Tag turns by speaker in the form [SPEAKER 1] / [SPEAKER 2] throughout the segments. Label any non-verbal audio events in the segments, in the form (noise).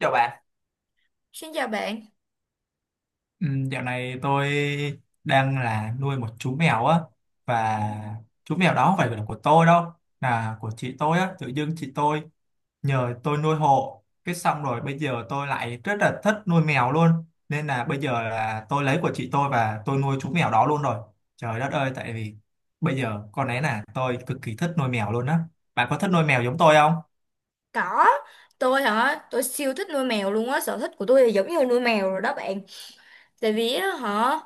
[SPEAKER 1] Chào bạn.
[SPEAKER 2] Xin chào bạn.
[SPEAKER 1] Ừ, dạo này tôi đang là nuôi một chú mèo á, và chú mèo đó không phải là của tôi đâu, là của chị tôi á. Tự dưng chị tôi nhờ tôi nuôi hộ, cái xong rồi bây giờ tôi lại rất là thích nuôi mèo luôn, nên là bây giờ là tôi lấy của chị tôi và tôi nuôi chú mèo đó luôn rồi. Trời đất ơi, tại vì bây giờ con ấy là tôi cực kỳ thích nuôi mèo luôn á. Bạn có thích nuôi mèo giống tôi không?
[SPEAKER 2] Có, tôi hả, tôi siêu thích nuôi mèo luôn á, sở thích của tôi là giống như nuôi mèo rồi đó bạn. Tại vì á hả,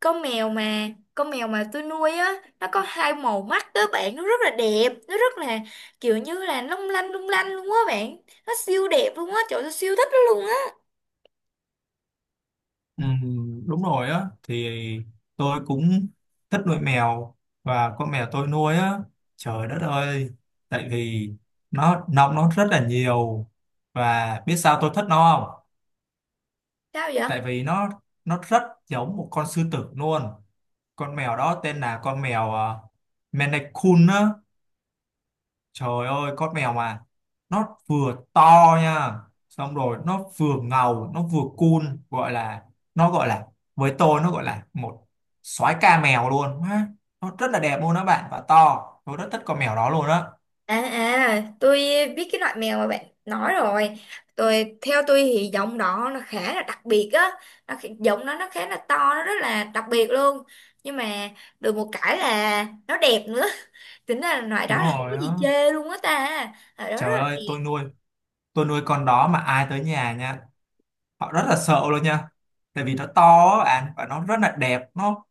[SPEAKER 2] con mèo mà, con mèo mà tôi nuôi á, nó có hai màu mắt đó bạn, nó rất là đẹp, nó rất là kiểu như là long lanh lung lanh luôn á bạn. Nó siêu đẹp luôn á, trời ơi, tôi siêu thích nó luôn á.
[SPEAKER 1] Ừ, đúng rồi á, thì tôi cũng thích nuôi mèo, và con mèo tôi nuôi á, trời đất ơi, tại vì nó nọc nó rất là nhiều. Và biết sao tôi thích nó không?
[SPEAKER 2] Sao vậy?
[SPEAKER 1] Tại vì nó rất giống một con sư tử luôn. Con mèo đó tên là con mèo Maine Coon á. Trời ơi, con mèo mà nó vừa to nha, xong rồi nó vừa ngầu, nó vừa cool, gọi là, nó gọi là, với tôi nó gọi là một soái ca mèo luôn ha. Nó rất là đẹp luôn đó bạn và to. Tôi rất thích con mèo đó luôn á.
[SPEAKER 2] À à, tôi biết cái loại mèo mà bạn nói rồi. Theo tôi thì giọng đó nó khá là đặc biệt á, giọng nó khá là to, nó rất là đặc biệt luôn. Nhưng mà được một cái là nó đẹp nữa. (laughs) Tính ra là loại đó
[SPEAKER 1] Đúng
[SPEAKER 2] là không có
[SPEAKER 1] rồi
[SPEAKER 2] gì
[SPEAKER 1] đó.
[SPEAKER 2] chê luôn á ta. Loại đó rất
[SPEAKER 1] Trời
[SPEAKER 2] là
[SPEAKER 1] ơi,
[SPEAKER 2] đẹp.
[SPEAKER 1] tôi nuôi con đó mà ai tới nhà nha, họ rất là sợ luôn nha. Tại vì nó to á bạn, và nó rất là đẹp, nó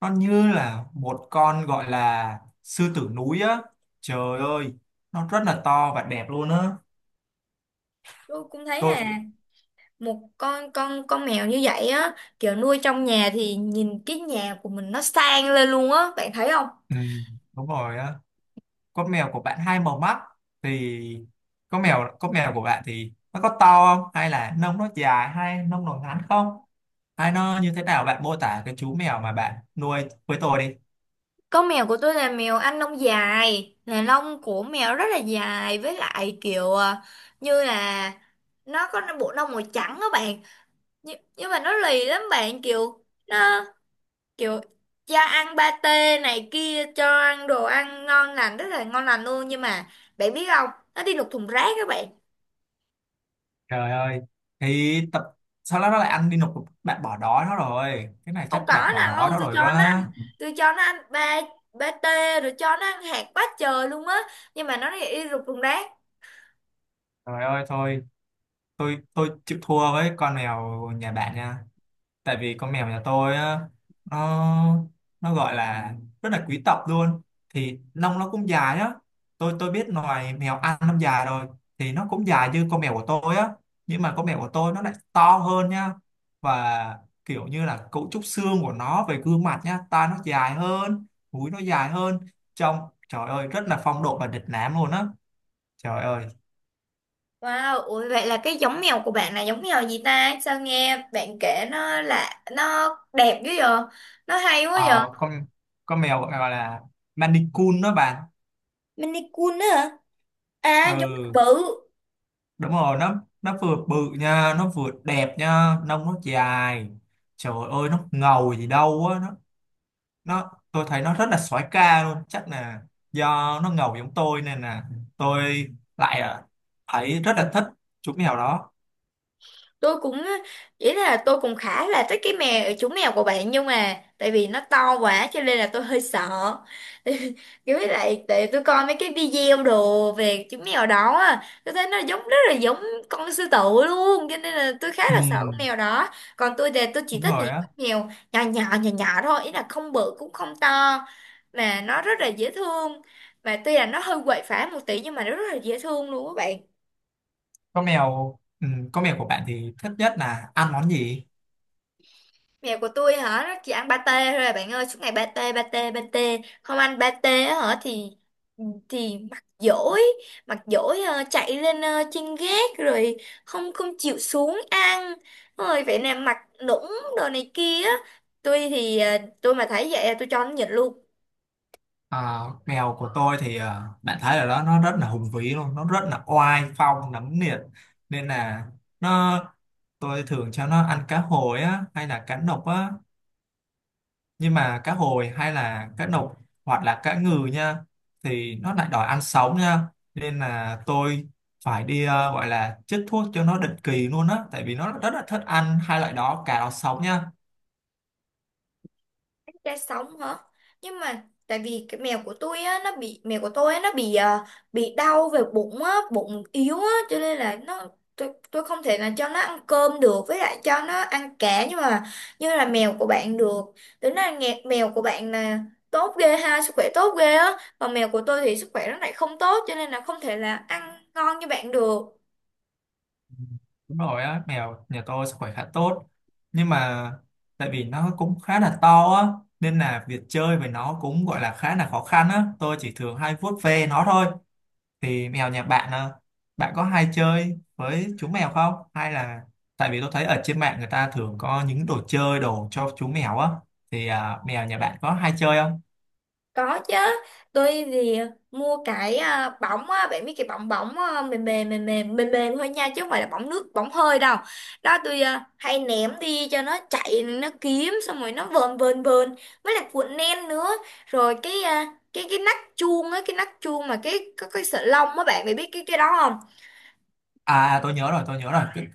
[SPEAKER 1] nó như là một con gọi là sư tử núi á, trời ơi, nó rất là to và đẹp luôn á.
[SPEAKER 2] Tôi cũng thấy
[SPEAKER 1] tôi
[SPEAKER 2] là một con mèo như vậy á, kiểu nuôi trong nhà thì nhìn cái nhà của mình nó sang lên luôn á, bạn thấy không?
[SPEAKER 1] ừ, đúng rồi á, con mèo của bạn hai màu mắt, thì con mèo của bạn thì nó có to không, hay là nông nó dài, hay nông nó ngắn không, hay nó như thế nào? Bạn mô tả cái chú mèo mà bạn nuôi với tôi đi.
[SPEAKER 2] Con mèo của tôi là mèo Anh lông dài, là lông của mèo rất là dài, với lại kiểu như là nó có bộ lông màu trắng đó bạn. Nhưng mà nó lì lắm bạn, kiểu cho ăn pate này kia, cho ăn đồ ăn ngon lành rất là ngon lành luôn, nhưng mà bạn biết không, nó đi lục thùng rác các bạn.
[SPEAKER 1] Trời ơi thì tập, sau đó nó lại ăn đi nộp. Bạn bỏ đói nó rồi, cái này
[SPEAKER 2] Không
[SPEAKER 1] chắc
[SPEAKER 2] có
[SPEAKER 1] bạn bỏ
[SPEAKER 2] nào
[SPEAKER 1] đói
[SPEAKER 2] đâu,
[SPEAKER 1] nó
[SPEAKER 2] tôi
[SPEAKER 1] rồi
[SPEAKER 2] cho nó ăn,
[SPEAKER 1] quá.
[SPEAKER 2] tôi cho nó ăn ba pate, rồi cho nó ăn hạt quá trời luôn á, nhưng mà nó lại đi lục thùng rác.
[SPEAKER 1] Trời ơi thôi, tôi chịu thua với con mèo nhà bạn nha. Tại vì con mèo nhà tôi á, nó nó gọi là rất là quý tộc luôn, thì lông nó cũng dài á. Tôi biết loài mèo ăn lông dài rồi, thì nó cũng dài như con mèo của tôi á. Nhưng mà con mèo của tôi nó lại to hơn nha, và kiểu như là cấu trúc xương của nó về gương mặt nha, tai nó dài hơn, mũi nó dài hơn, trông trời ơi rất là phong độ và lịch lãm luôn á. Trời ơi.
[SPEAKER 2] Wow, ủa vậy là cái giống mèo của bạn là giống mèo gì ta? Sao nghe bạn kể nó là nó đẹp dữ vậy? Nó hay quá vậy?
[SPEAKER 1] Ờ, con mèo gọi là Maine đó bạn.
[SPEAKER 2] Maine Coon á hả? À, giống mèo
[SPEAKER 1] Ừ,
[SPEAKER 2] bự.
[SPEAKER 1] đúng rồi, nó vừa bự nha, nó vừa đẹp nha, nông nó dài, trời ơi nó ngầu gì đâu á. Nó Tôi thấy nó rất là soái ca luôn, chắc là do nó ngầu giống tôi, nên là tôi lại thấy rất là thích chú mèo đó.
[SPEAKER 2] Tôi cũng ý là tôi cũng khá là thích cái chú mèo của bạn, nhưng mà tại vì nó to quá cho nên là tôi hơi sợ. (laughs) Kiểu, với lại tại tôi coi mấy cái video đồ về chú mèo đó á, tôi thấy nó giống, rất là giống con sư tử luôn, cho nên là tôi khá
[SPEAKER 1] Ừ,
[SPEAKER 2] là sợ con mèo đó. Còn tôi thì tôi chỉ
[SPEAKER 1] đúng
[SPEAKER 2] thích những
[SPEAKER 1] rồi á.
[SPEAKER 2] con mèo nhỏ nhỏ nhỏ nhỏ thôi, ý là không bự cũng không to mà nó rất là dễ thương, mà tuy là nó hơi quậy phá một tí nhưng mà nó rất là dễ thương luôn các bạn.
[SPEAKER 1] con mèo con mèo của bạn thì thích nhất là ăn món gì?
[SPEAKER 2] Mèo của tôi hả? Nó chỉ ăn pate thôi à bạn ơi, suốt ngày pate pate pate. Không ăn pate á hả thì mặt dỗi, mặt dỗi, chạy lên, trên gác rồi không không chịu xuống ăn. Rồi vậy nè, mặt nũng đồ này kia á. Tôi thì tôi mà thấy vậy là tôi cho nó nhịn luôn.
[SPEAKER 1] À, mèo của tôi thì bạn thấy ở đó nó rất là hùng vĩ luôn, nó rất là oai phong nấm liệt, nên là nó tôi thường cho nó ăn cá hồi á, hay là cá nục á, nhưng mà cá hồi hay là cá nục, hoặc là cá ngừ nha, thì nó lại đòi ăn sống nha. Nên là tôi phải đi, gọi là chích thuốc cho nó định kỳ luôn á, tại vì nó rất là thích ăn hai loại đó, cá đó sống nha.
[SPEAKER 2] Ra sóng hả? Nhưng mà tại vì cái mèo của tôi á nó bị mèo của tôi á bị đau về bụng á, bụng yếu á, cho nên là nó tôi không thể là cho nó ăn cơm được, với lại cho nó ăn cá, nhưng mà như là mèo của bạn được. Tính là nghe mèo của bạn là tốt ghê ha, sức khỏe tốt ghê á, còn mèo của tôi thì sức khỏe nó lại không tốt cho nên là không thể là ăn ngon như bạn được.
[SPEAKER 1] Đúng rồi á, mèo nhà tôi sức khỏe khá tốt. Nhưng mà tại vì nó cũng khá là to á, nên là việc chơi với nó cũng gọi là khá là khó khăn á. Tôi chỉ thường hay vuốt ve nó thôi. Thì mèo nhà bạn, bạn có hay chơi với chú mèo không? Hay là, tại vì tôi thấy ở trên mạng người ta thường có những đồ chơi, đồ cho chú mèo á. Thì mèo nhà bạn có hay chơi không?
[SPEAKER 2] Có chứ, tôi thì mua cái bỏng á, bạn biết cái bỏng bỏng mềm mềm mềm mềm mềm mềm thôi nha, chứ không phải là bỏng nước bỏng hơi đâu. Đó, tôi hay ném đi cho nó chạy, nó kiếm, xong rồi nó vờn vờn vờn, với lại cuộn len nữa. Rồi cái nắp chuông á, cái nắp chuông mà cái có cái sợi lông á bạn, mày biết cái đó không?
[SPEAKER 1] À, tôi nhớ rồi, tôi nhớ rồi.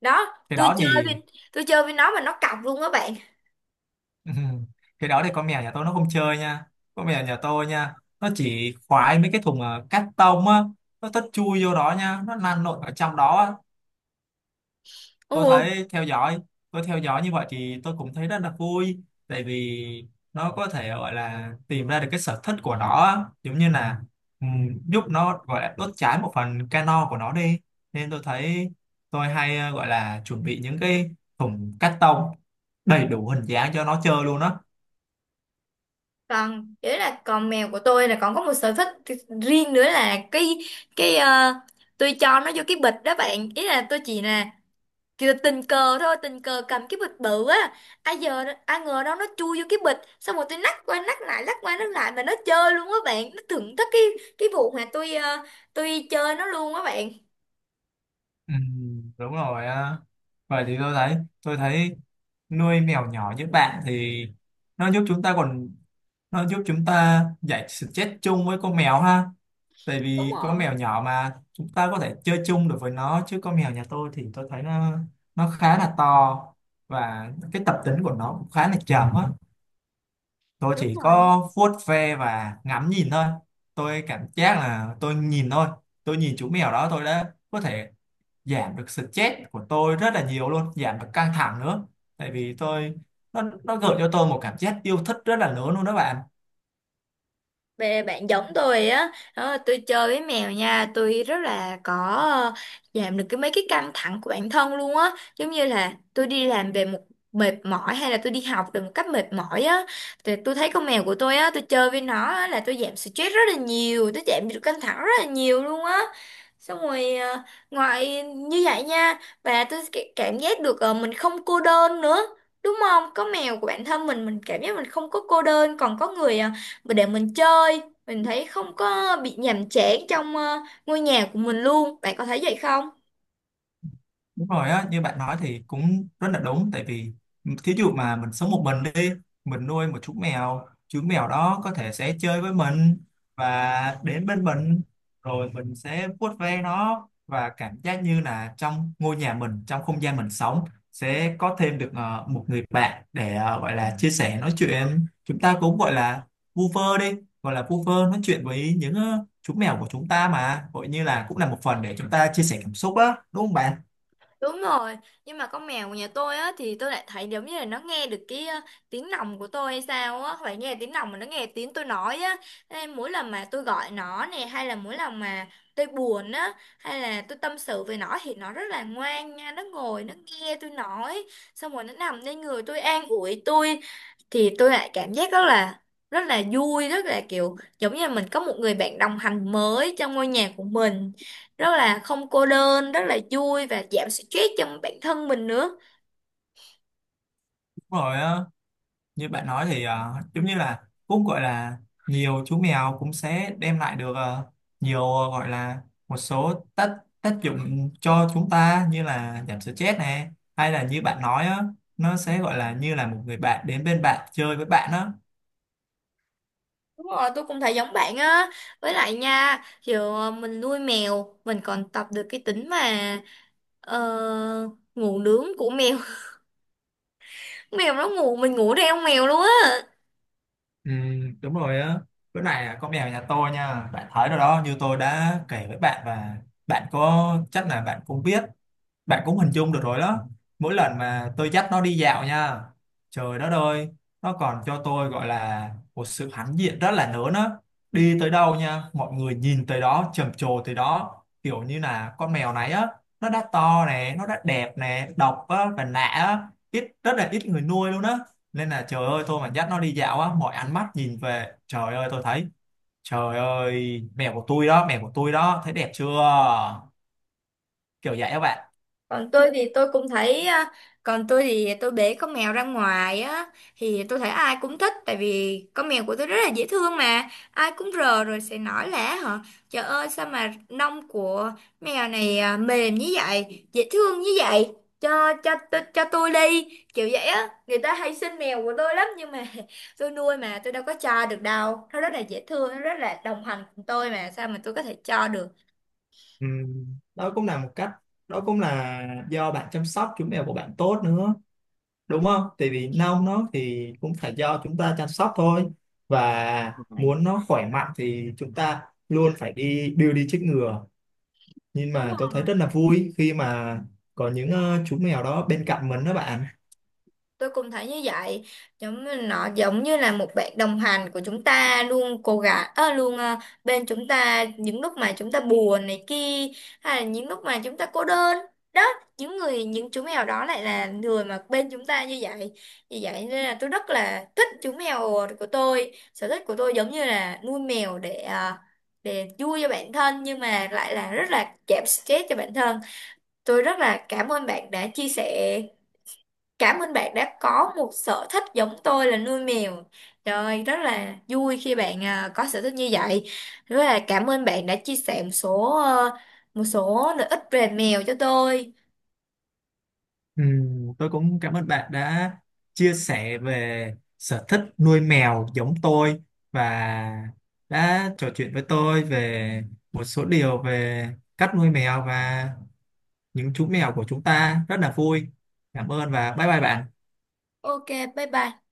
[SPEAKER 2] Đó,
[SPEAKER 1] Cái
[SPEAKER 2] tôi
[SPEAKER 1] đó
[SPEAKER 2] chơi
[SPEAKER 1] thì
[SPEAKER 2] với tôi chơi với nó mà nó cọc luôn á bạn.
[SPEAKER 1] (laughs) ừ. Cái đó thì con mèo nhà tôi nó không chơi nha, con mèo nhà tôi nha, nó chỉ khoái mấy cái thùng cắt tông á. Nó tất chui vô đó nha, nó lăn lộn ở trong đó á.
[SPEAKER 2] Ồ.
[SPEAKER 1] tôi thấy theo dõi tôi theo dõi như vậy thì tôi cũng thấy rất là vui, tại vì nó có thể gọi là tìm ra được cái sở thích của nó á. Giống như là giúp nó gọi là đốt cháy một phần cano của nó đi, nên tôi thấy tôi hay gọi là chuẩn bị những cái thùng cắt tông đầy đủ hình dáng cho nó chơi luôn á.
[SPEAKER 2] Còn đấy là còn mèo của tôi là còn có một sở thích riêng nữa, là cái ờ, tôi cho nó vô cái bịch đó bạn, ý là tôi chỉ là kiểu tình cờ thôi, tình cờ cầm cái bịch bự á, ai ngờ đâu nó chui vô cái bịch, xong rồi tôi nắc qua nắc lại nắc qua nắc lại mà nó chơi luôn á bạn, nó thưởng thức cái vụ mà tôi chơi nó luôn á bạn.
[SPEAKER 1] Ừ, đúng rồi á. Vậy thì tôi thấy nuôi mèo nhỏ như bạn thì nó giúp chúng ta còn nó giúp chúng ta giải stress chung với con mèo ha. Tại
[SPEAKER 2] Đúng
[SPEAKER 1] vì con
[SPEAKER 2] rồi,
[SPEAKER 1] mèo nhỏ mà chúng ta có thể chơi chung được với nó, chứ con mèo nhà tôi thì tôi thấy nó khá là to, và cái tập tính của nó cũng khá là trầm á. Tôi
[SPEAKER 2] đúng.
[SPEAKER 1] chỉ có vuốt ve và ngắm nhìn thôi. Tôi cảm giác là tôi nhìn thôi, tôi nhìn chú mèo đó, tôi đã có thể giảm được stress của tôi rất là nhiều luôn, giảm được căng thẳng nữa. Tại vì tôi nó gợi cho tôi một cảm giác yêu thích rất là lớn luôn đó bạn.
[SPEAKER 2] Bạn giống tôi á đó, tôi chơi với mèo nha tôi rất là có, ờ, giảm được mấy cái căng thẳng của bản thân luôn á, giống như là tôi đi làm về một mệt mỏi, hay là tôi đi học về một cách mệt mỏi á, thì tôi thấy con mèo của tôi á, tôi chơi với nó á, là tôi giảm stress rất là nhiều, tôi giảm được căng thẳng rất là nhiều luôn á. Xong rồi ngoài như vậy nha, và tôi cảm giác được mình không cô đơn nữa. Đúng không, có mèo của bản thân mình cảm giác mình không có cô đơn, còn có người và để mình chơi, mình thấy không có bị nhàm chán trong ngôi nhà của mình luôn, bạn có thấy vậy không?
[SPEAKER 1] Đúng rồi á, như bạn nói thì cũng rất là đúng. Tại vì thí dụ mà mình sống một mình đi, mình nuôi một chú mèo đó có thể sẽ chơi với mình và đến bên mình, rồi mình sẽ vuốt ve nó, và cảm giác như là trong ngôi nhà mình, trong không gian mình sống, sẽ có thêm được một người bạn để gọi là chia sẻ nói chuyện. Chúng ta cũng gọi là vu vơ đi, gọi là vu vơ nói chuyện với những chú mèo của chúng ta, mà gọi như là cũng là một phần để chúng ta chia sẻ cảm xúc á, đúng không bạn?
[SPEAKER 2] Đúng rồi, nhưng mà con mèo của nhà tôi á thì tôi lại thấy giống như là nó nghe được cái tiếng lòng của tôi hay sao á, phải nghe tiếng lòng mà nó nghe tiếng tôi nói á. Thế nên mỗi lần mà tôi gọi nó nè, hay là mỗi lần mà tôi buồn á, hay là tôi tâm sự về nó thì nó rất là ngoan nha, nó ngồi, nó nghe tôi nói, xong rồi nó nằm lên người tôi an ủi tôi, thì tôi lại cảm giác rất là vui, rất là kiểu giống như là mình có một người bạn đồng hành mới trong ngôi nhà của mình, rất là không cô đơn, rất là vui và giảm stress cho bản thân mình nữa.
[SPEAKER 1] Đúng rồi á, như bạn nói thì giống như là cũng gọi là nhiều chú mèo cũng sẽ đem lại được nhiều gọi là một số tác tác dụng cho chúng ta, như là giảm stress này, hay là như bạn nói á, nó sẽ gọi là như là một người bạn đến bên bạn chơi với bạn á.
[SPEAKER 2] Đúng rồi, tôi cũng thấy giống bạn á, với lại nha kiểu mình nuôi mèo mình còn tập được cái tính mà ờ, ngủ nướng của mèo. (laughs) Mèo nó ngủ mình ngủ theo mèo luôn á.
[SPEAKER 1] Ừ, đúng rồi á. Bữa này là con mèo nhà tôi nha, bạn thấy rồi đó, như tôi đã kể với bạn, và bạn có chắc là bạn cũng biết, bạn cũng hình dung được rồi đó. Mỗi lần mà tôi dắt nó đi dạo nha, trời đất ơi, nó còn cho tôi gọi là một sự hãnh diện rất là lớn á. Đi tới đâu nha mọi người nhìn tới đó, trầm trồ tới đó, kiểu như là con mèo này á, nó đã to nè, nó đã đẹp nè, độc á và lạ á, ít, rất là ít người nuôi luôn á. Nên là trời ơi, tôi mà dắt nó đi dạo á, mọi ánh mắt nhìn về, trời ơi tôi thấy, trời ơi mèo của tôi đó, mèo của tôi đó, thấy đẹp chưa, kiểu vậy các bạn.
[SPEAKER 2] Còn tôi thì tôi cũng thấy còn tôi thì tôi bế con mèo ra ngoài á, thì tôi thấy ai cũng thích, tại vì con mèo của tôi rất là dễ thương mà ai cũng rờ, rồi sẽ nói là: hả trời ơi, sao mà lông của mèo này mềm như vậy, dễ thương như vậy, cho tôi, cho tôi đi, kiểu vậy á, người ta hay xin mèo của tôi lắm, nhưng mà (laughs) tôi nuôi mà tôi đâu có cho được đâu, nó rất là dễ thương, nó rất là đồng hành cùng tôi mà sao mà tôi có thể cho được.
[SPEAKER 1] Ừ, đó cũng là một cách, đó cũng là do bạn chăm sóc chú mèo của bạn tốt nữa, đúng không? Tại vì nông nó thì cũng phải do chúng ta chăm sóc thôi, và
[SPEAKER 2] Ừ.
[SPEAKER 1] muốn nó khỏe mạnh thì chúng ta luôn phải đi đưa đi chích ngừa. Nhưng
[SPEAKER 2] Đúng
[SPEAKER 1] mà tôi thấy
[SPEAKER 2] rồi.
[SPEAKER 1] rất là vui khi mà có những chú mèo đó bên cạnh mình đó bạn.
[SPEAKER 2] Tôi cũng thấy như vậy, giống như là một bạn đồng hành của chúng ta, luôn cố gắng, luôn bên chúng ta những lúc mà chúng ta buồn này kia, hay là những lúc mà chúng ta cô đơn. Đó, những chú mèo đó lại là người mà bên chúng ta như vậy. Vì vậy nên là tôi rất là thích chú mèo của tôi. Sở thích của tôi giống như là nuôi mèo để để vui cho bản thân nhưng mà lại là rất là giảm stress cho bản thân. Tôi rất là cảm ơn bạn đã chia sẻ. Cảm ơn bạn đã có một sở thích giống tôi là nuôi mèo. Trời ơi, rất là vui khi bạn có sở thích như vậy. Rất là cảm ơn bạn đã chia sẻ một số một số lợi ích về mèo cho tôi.
[SPEAKER 1] Ừ, tôi cũng cảm ơn bạn đã chia sẻ về sở thích nuôi mèo giống tôi, và đã trò chuyện với tôi về một số điều về cách nuôi mèo và những chú mèo của chúng ta. Rất là vui. Cảm ơn và bye bye bạn.
[SPEAKER 2] Ok, bye bye.